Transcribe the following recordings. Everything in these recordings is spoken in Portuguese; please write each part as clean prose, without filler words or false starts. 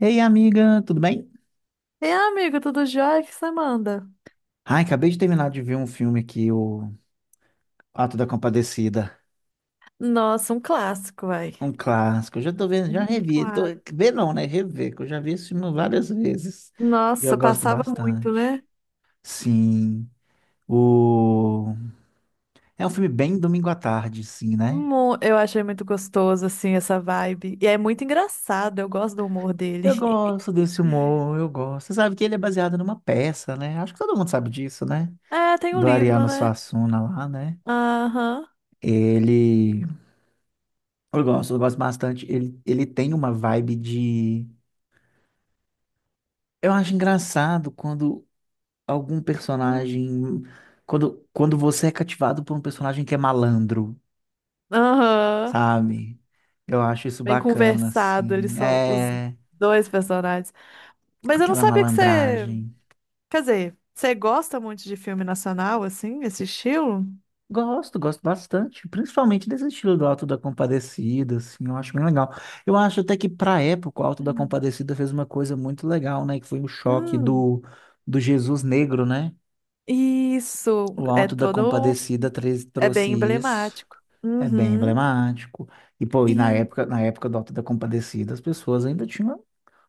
Ei, amiga, tudo bem? E amigo, tudo jóia? O que você manda? Ai, acabei de terminar de ver um filme aqui, o Ato da Compadecida, Nossa, um clássico, vai. um clássico. Eu já tô vendo, já Um revi, tô, clássico. ver não, né? Rever, que eu já vi esse filme várias vezes e eu Nossa, gosto passava muito, bastante. né? Sim, o... é um filme bem domingo à tarde, sim, né? Eu achei muito gostoso, assim, essa vibe. E é muito engraçado, eu gosto do humor dele. Eu gosto desse humor, eu gosto. Você sabe que ele é baseado numa peça, né? Acho que todo mundo sabe disso, né? É, tem o Do livro, Ariano né? Suassuna lá, né? Aham. Ele... eu gosto bastante. Ele tem uma vibe de. Eu acho engraçado quando algum Hum. personagem. Quando você é cativado por um personagem que é malandro, Aham. sabe? Eu acho isso Bem bacana, conversado, eles assim. são os É. dois personagens. Mas eu não Aquela sabia que você... malandragem. Quer dizer, você gosta muito de filme nacional, assim, esse estilo? Gosto, gosto bastante. Principalmente desse estilo do Auto da Compadecida, assim. Eu acho bem legal. Eu acho até que, pra época, o Auto da Hum. Compadecida fez uma coisa muito legal, né? Que foi o choque Hum. do Jesus Negro, né? Isso O é Auto da todo, Compadecida tre- é trouxe bem isso. emblemático. É bem Uhum. emblemático. E, pô, e na E época, na época do Auto da Compadecida, as pessoas ainda tinham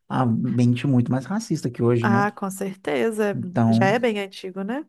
a mente muito mais racista que hoje, né? ah, com certeza, já Então, é bem antigo, né?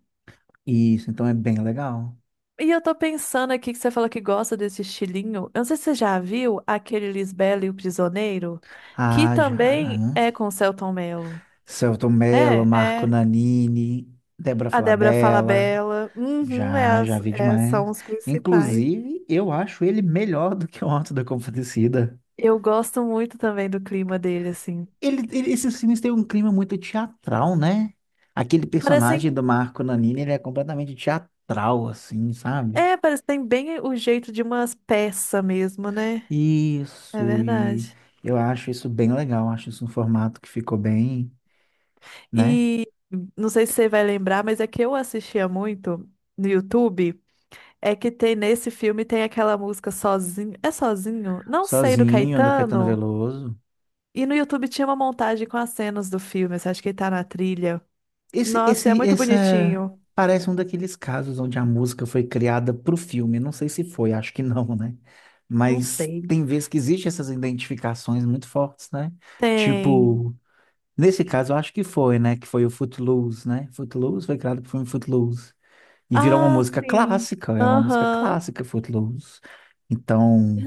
isso, então é bem legal. E eu tô pensando aqui que você falou que gosta desse estilinho. Eu não sei se você já viu aquele Lisbela e o Prisioneiro, que Ah, já, também né? é com o Selton Mello. Selton Mello, É, Marco é. Nanini, Débora A Débora Falabella. Falabella. Uhum, Já, já vi é, são demais. os principais. Inclusive, eu acho ele melhor do que o Auto da Compadecida. Eu gosto muito também do clima dele, assim. Esses filmes têm um clima muito teatral, né? Aquele personagem Parecem. do Marco Nanini, ele é completamente teatral, assim, sabe? É, parece que tem bem o jeito de umas peças mesmo, né? É Isso, e verdade. eu acho isso bem legal, acho isso um formato que ficou bem, né? E não sei se você vai lembrar, mas é que eu assistia muito no YouTube. É que tem nesse filme tem aquela música Sozinho. É Sozinho? Não sei, do Sozinho, do Caetano Caetano. Veloso. E no YouTube tinha uma montagem com as cenas do filme. Você acha que ele tá na trilha? Esse, Nossa, é esse, muito essa bonitinho. parece um daqueles casos onde a música foi criada pro filme. Não sei se foi, acho que não, né? Não Mas sei. tem vezes que existem essas identificações muito fortes, né? Tem. Tipo. Nesse caso, eu acho que foi, né? Que foi o Footloose, né? Footloose foi criado por filme Footloose. E virou uma Ah, música sim. clássica, é uma música Aham. clássica, Footloose. Então,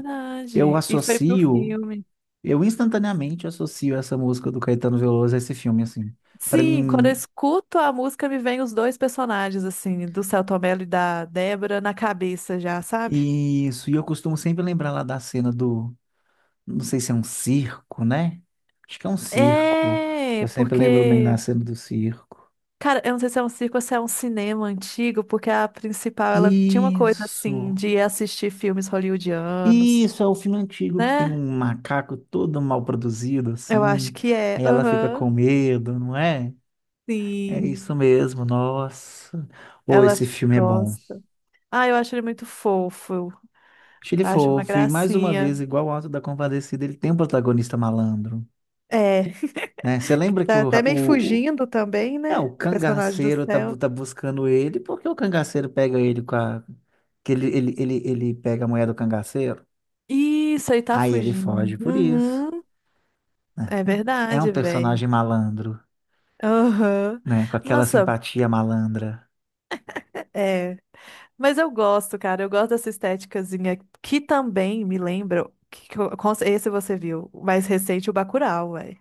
eu E foi pro associo, filme. eu instantaneamente associo essa música do Caetano Veloso a esse filme, assim. Pra Sim, quando eu mim, escuto a música, me vem os dois personagens, assim, do Selton Mello e da Débora na cabeça já, sabe? isso. E eu costumo sempre lembrar lá da cena do, não sei se é um circo, né? Acho que é um circo. É, Eu sempre lembro bem da porque, cena do circo. cara, eu não sei se é um circo ou se é um cinema antigo, porque a principal, ela tinha uma coisa, assim, Isso. de assistir filmes hollywoodianos, Isso, é o filme antigo que tem né? um macaco todo mal produzido, Eu assim. acho que é, Aí ela fica aham, com medo, não é? É isso sim, mesmo, nossa. Ou ela esse filme é bom. gosta. Ah, eu acho ele muito fofo, Achei ele acho uma fofo. E mais uma gracinha. vez, igual o Auto da Compadecida, ele tem um protagonista malandro, É, né? Você que lembra que tá o, até ra- meio o- fugindo também, é, né? o Personagem do cangaceiro tá, bu- céu. tá buscando ele, porque o cangaceiro pega ele com a... Que ele pega a mulher do cangaceiro, Isso aí tá aí ele fugindo. foge por isso. Uhum, Né? é É um verdade, velho. personagem malandro. Aham. Né? Com aquela Nossa, simpatia malandra. é. Mas eu gosto, cara. Eu gosto dessa estéticazinha que também me lembra. Esse você viu, o mais recente, o Bacurau, velho.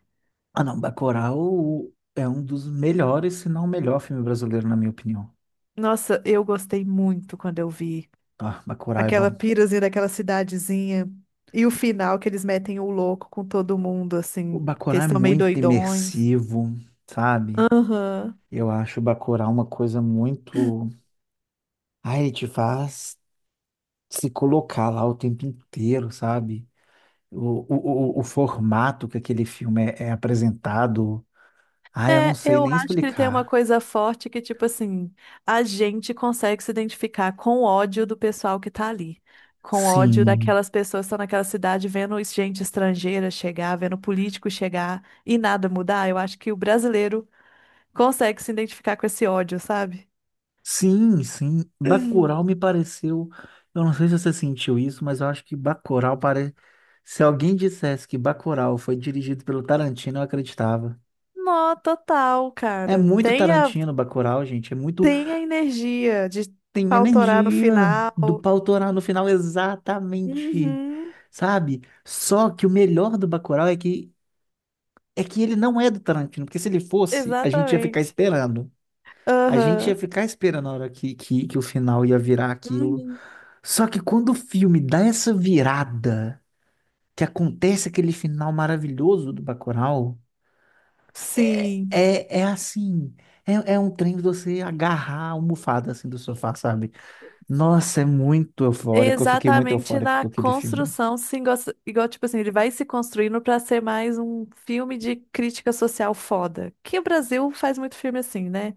Ah, não, Bacurau é um dos melhores, se não o melhor filme brasileiro, na minha opinião. Nossa, eu gostei muito quando eu vi Ah, Bacurau é aquela bom. pirazinha daquela cidadezinha. E o final que eles metem o louco com todo mundo, O assim, que Bacurau eles é estão meio muito doidões. imersivo, sabe? Aham. Eu acho o Bacurau uma coisa muito... Ah, ele te faz se colocar lá o tempo inteiro, sabe? O, o formato que aquele filme é, é apresentado. Ah, eu não É, sei eu nem acho que ele tem uma explicar. coisa forte que, tipo assim, a gente consegue se identificar com o ódio do pessoal que tá ali. Com o ódio Sim. daquelas pessoas que estão naquela cidade vendo gente estrangeira chegar, vendo político chegar e nada mudar. Eu acho que o brasileiro consegue se identificar com esse ódio, sabe? Sim, sim. Bacurau me pareceu. Eu não sei se você sentiu isso, mas eu acho que Bacurau parece. Se alguém dissesse que Bacurau foi dirigido pelo Tarantino, eu acreditava. Nó, total, É cara. muito Tarantino, Bacurau, gente. É muito. Tem a energia de Tem pautorar no energia do final. pau torar no final, exatamente. Uhum, Sabe? Só que o melhor do Bacurau é que ele não é do Tarantino, porque se ele fosse, a gente ia ficar exatamente. esperando. A gente Aham. ia ficar esperando a hora que o final ia virar aquilo. Uhum. Só que quando o filme dá essa virada, que acontece aquele final maravilhoso do Bacurau, é, Sim. é, é assim, é um trem de você agarrar a almofada assim do sofá, sabe? Nossa, é muito eufórico, eu fiquei muito Exatamente eufórico na com aquele filme. construção, sim, igual, tipo assim, ele vai se construindo pra ser mais um filme de crítica social foda. Que o Brasil faz muito filme assim, né?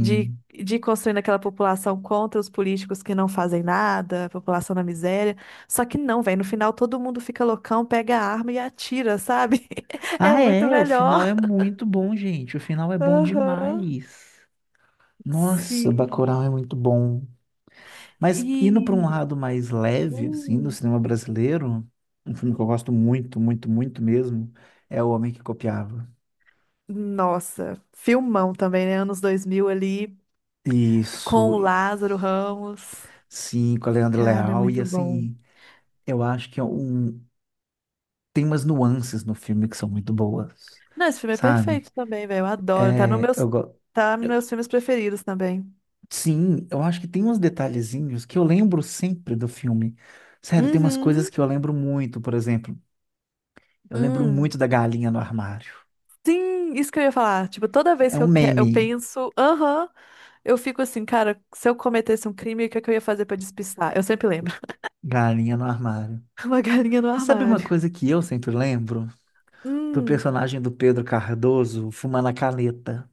De ir construindo aquela população contra os políticos que não fazem nada, a população na miséria. Só que não, velho, no final todo mundo fica loucão, pega a arma e atira, sabe? É Ah, muito é, o final é melhor. muito bom, gente, o final é bom Aham. demais. Nossa, Sim. Bacurau é muito bom. Mas indo para um E. lado mais leve, assim, do Hum. cinema brasileiro, um filme que eu gosto muito, muito, muito mesmo, é O Homem que Copiava. Nossa, filmão também, né? Anos 2000 ali. Com Isso, o Lázaro Ramos. sim, com a Leandro Cara, Leal, e muito bom. assim, eu acho que é um, tem umas nuances no filme que são muito boas, Não, esse filme é sabe? perfeito também, velho. Eu adoro. Tá no É, meus, tá nos meus filmes preferidos também. sim, eu acho que tem uns detalhezinhos que eu lembro sempre do filme. Sério, tem umas coisas Uhum. que eu lembro muito, por exemplo, eu lembro Hum. muito da galinha no armário. Sim, isso que eu ia falar. Tipo, toda vez É um eu meme, penso, aham, eu fico assim, cara, se eu cometesse um crime, o que é que eu ia fazer pra despistar? Eu sempre lembro. galinha no armário. Uma galinha no Você sabe uma armário. coisa que eu sempre lembro? Do Hum. personagem do Pedro Cardoso fumando a caneta.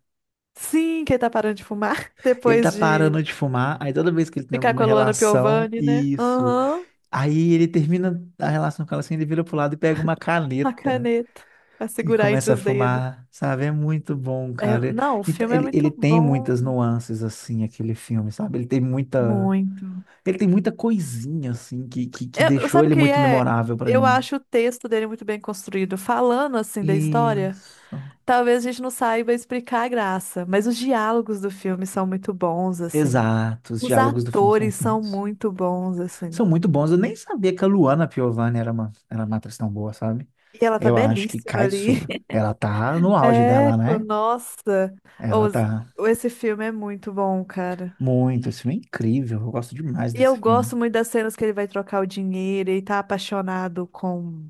Sim, quem tá parando de fumar Ele tá depois de parando de fumar, aí toda vez que ele tem ficar alguma com a Luana relação, Piovani, né? isso. Aham, Aí ele termina a relação com ela assim, ele vira pro lado e pega uma a caneta caneta. Pra e segurar entre começa a os dedos. fumar, sabe? É muito bom, É, cara. não, o Então, filme é ele muito tem bom, muitas nuances, assim, aquele filme, sabe? Ele tem muita. muito. Ele tem muita coisinha, assim, que deixou Sabe o ele que muito é? memorável pra Eu mim. acho o texto dele muito bem construído. Falando assim da história, Isso. talvez a gente não saiba explicar a graça, mas os diálogos do filme são muito bons, assim. Exato, os Os diálogos do filme são atores muito são bons. muito bons, assim. São muito bons. Eu nem sabia que a Luana Piovani era uma atriz tão boa, sabe? E ela tá Eu acho que belíssima cai ali. super. Ela tá no auge É, dela, pô, né? nossa. Ela Os- tá Esse filme é muito bom, cara. muito. Esse filme é incrível. Eu gosto demais E eu desse filme, gosto muito das cenas que ele vai trocar o dinheiro e tá apaixonado com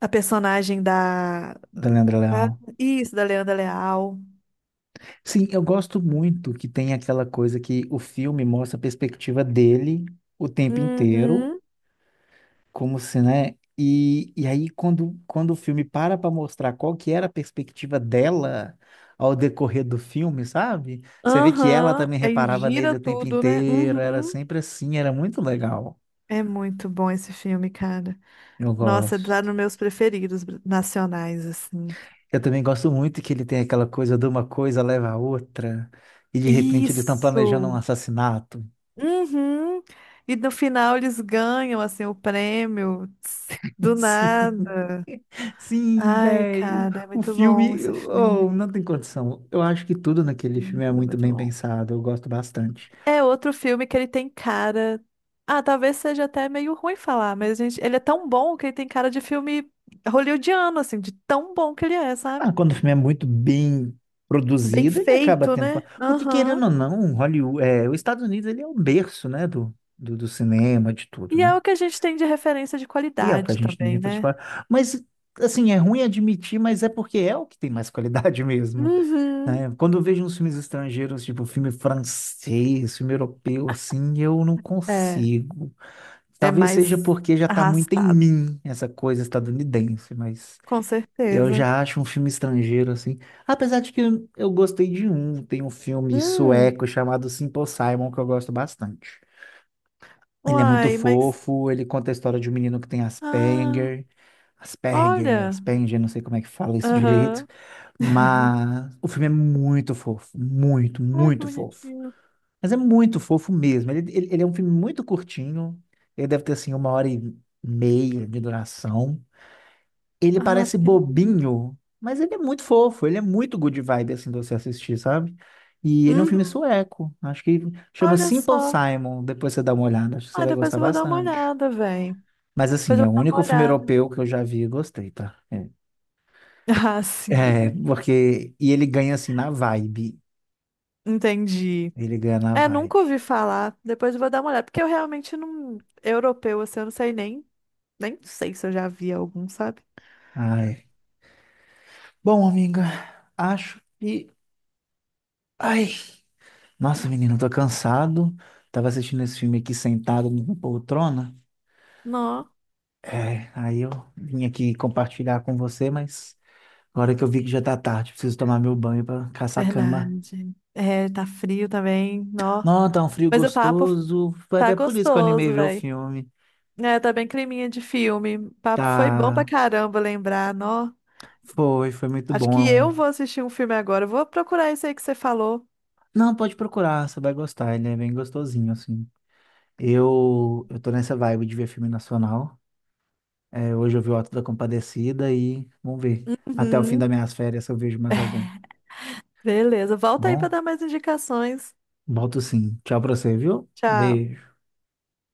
a personagem da... da Leandra Ah, Leão. isso, da Leandra Leal. Sim, eu gosto muito que tem aquela coisa que o filme mostra a perspectiva dele o tempo inteiro. Uhum. Como se, né? E aí, quando, quando o filme para para mostrar qual que era a perspectiva dela ao decorrer do filme, sabe? Você vê que ela Aham. também Aí reparava gira nele o tempo tudo, né? inteiro, era Uhum. sempre assim, era muito legal. É muito bom esse filme, cara. Eu Nossa, é lá gosto. nos meus preferidos nacionais, assim. Eu também gosto muito que ele tem aquela coisa de uma coisa leva a outra, e de repente eles estão planejando um Isso! assassinato. Uhum. E no final eles ganham, assim, o prêmio. Tss, do Sim, nada. sim, Ai, velho. cara, é O muito bom filme, esse oh, filme. não tem condição. Eu acho que tudo Esse naquele filme filme é é muito muito bem bom. pensado, eu gosto bastante. É outro filme que ele tem cara. Ah, talvez seja até meio ruim falar, mas gente, ele é tão bom que ele tem cara de filme hollywoodiano, assim, de tão bom que ele é, sabe? Ah, quando o filme é muito bem Bem produzido, ele acaba feito, tendo fama. né? Porque, Aham. querendo ou não, Hollywood, é, os Estados Unidos ele é o berço, né, do cinema, de tudo, E é né? o que a gente tem de referência de E é o que a qualidade gente tem que também, né? criticar. Mas, assim, é ruim admitir, mas é porque é o que tem mais qualidade mesmo, Uhum. né? Quando eu vejo uns filmes estrangeiros, tipo filme francês, filme europeu, assim, eu não É, consigo. é Talvez seja mais porque já está muito em arrastado, mim essa coisa estadunidense, mas... com Eu certeza. já acho um filme estrangeiro, assim. Apesar de que eu gostei de um. Tem um filme Hum. sueco chamado Simple Simon que eu gosto bastante. Ele é muito Uai, mas. fofo, ele conta a história de um menino que tem Ah, Asperger. Asperger, olha! Asperger, não sei como é que fala isso direito. Aham. Mas o filme é muito fofo. Muito, Ai, que muito fofo. bonitinho. Mas é muito fofo mesmo. Ele é um filme muito curtinho. Ele deve ter, assim, uma hora e meia de duração. Ele Ah, parece pequenininho. bobinho, mas ele é muito fofo, ele é muito good vibe assim de você assistir, sabe? E ele é um filme Uhum. sueco, acho que chama Olha Simple só. Simon, depois você dá uma olhada, acho que você Ah, vai depois gostar eu vou dar uma bastante. olhada, velho. Mas Depois assim, eu é o vou dar único uma filme olhada. europeu que eu já vi e gostei, tá? É, Ah, sim, é, porque e ele ganha assim na vibe. entendi. Ele ganha na É, nunca vibe. ouvi falar. Depois eu vou dar uma olhada, porque eu realmente não. Europeu, assim, eu não sei nem. Nem sei se eu já vi algum, sabe? Ai. Bom, amiga, acho que ai, nossa, menina, eu tô cansado. Tava assistindo esse filme aqui sentado numa poltrona. Não. É, aí eu vim aqui compartilhar com você, mas agora que eu vi que já tá tarde, preciso tomar meu banho pra caçar a cama. Verdade. É, tá frio também, nó. Não, tá um frio Mas o papo gostoso. Foi tá até por isso que eu animei gostoso, ver o velho. filme. É, tá bem creminha de filme. O papo foi bom pra Tá, caramba lembrar, nó. foi, foi muito Acho bom. Que eu vou assistir um filme agora. Eu vou procurar esse aí que você falou. Não, pode procurar, você vai gostar, ele é bem gostosinho, assim. Eu tô nessa vibe de ver filme nacional. É, hoje eu vi o Auto da Compadecida e vamos ver. Até o fim Uhum. das minhas férias eu vejo mais algum. Beleza, volta aí para Bom, dar mais indicações. volto sim. Tchau pra você, viu? Tchau. Beijo.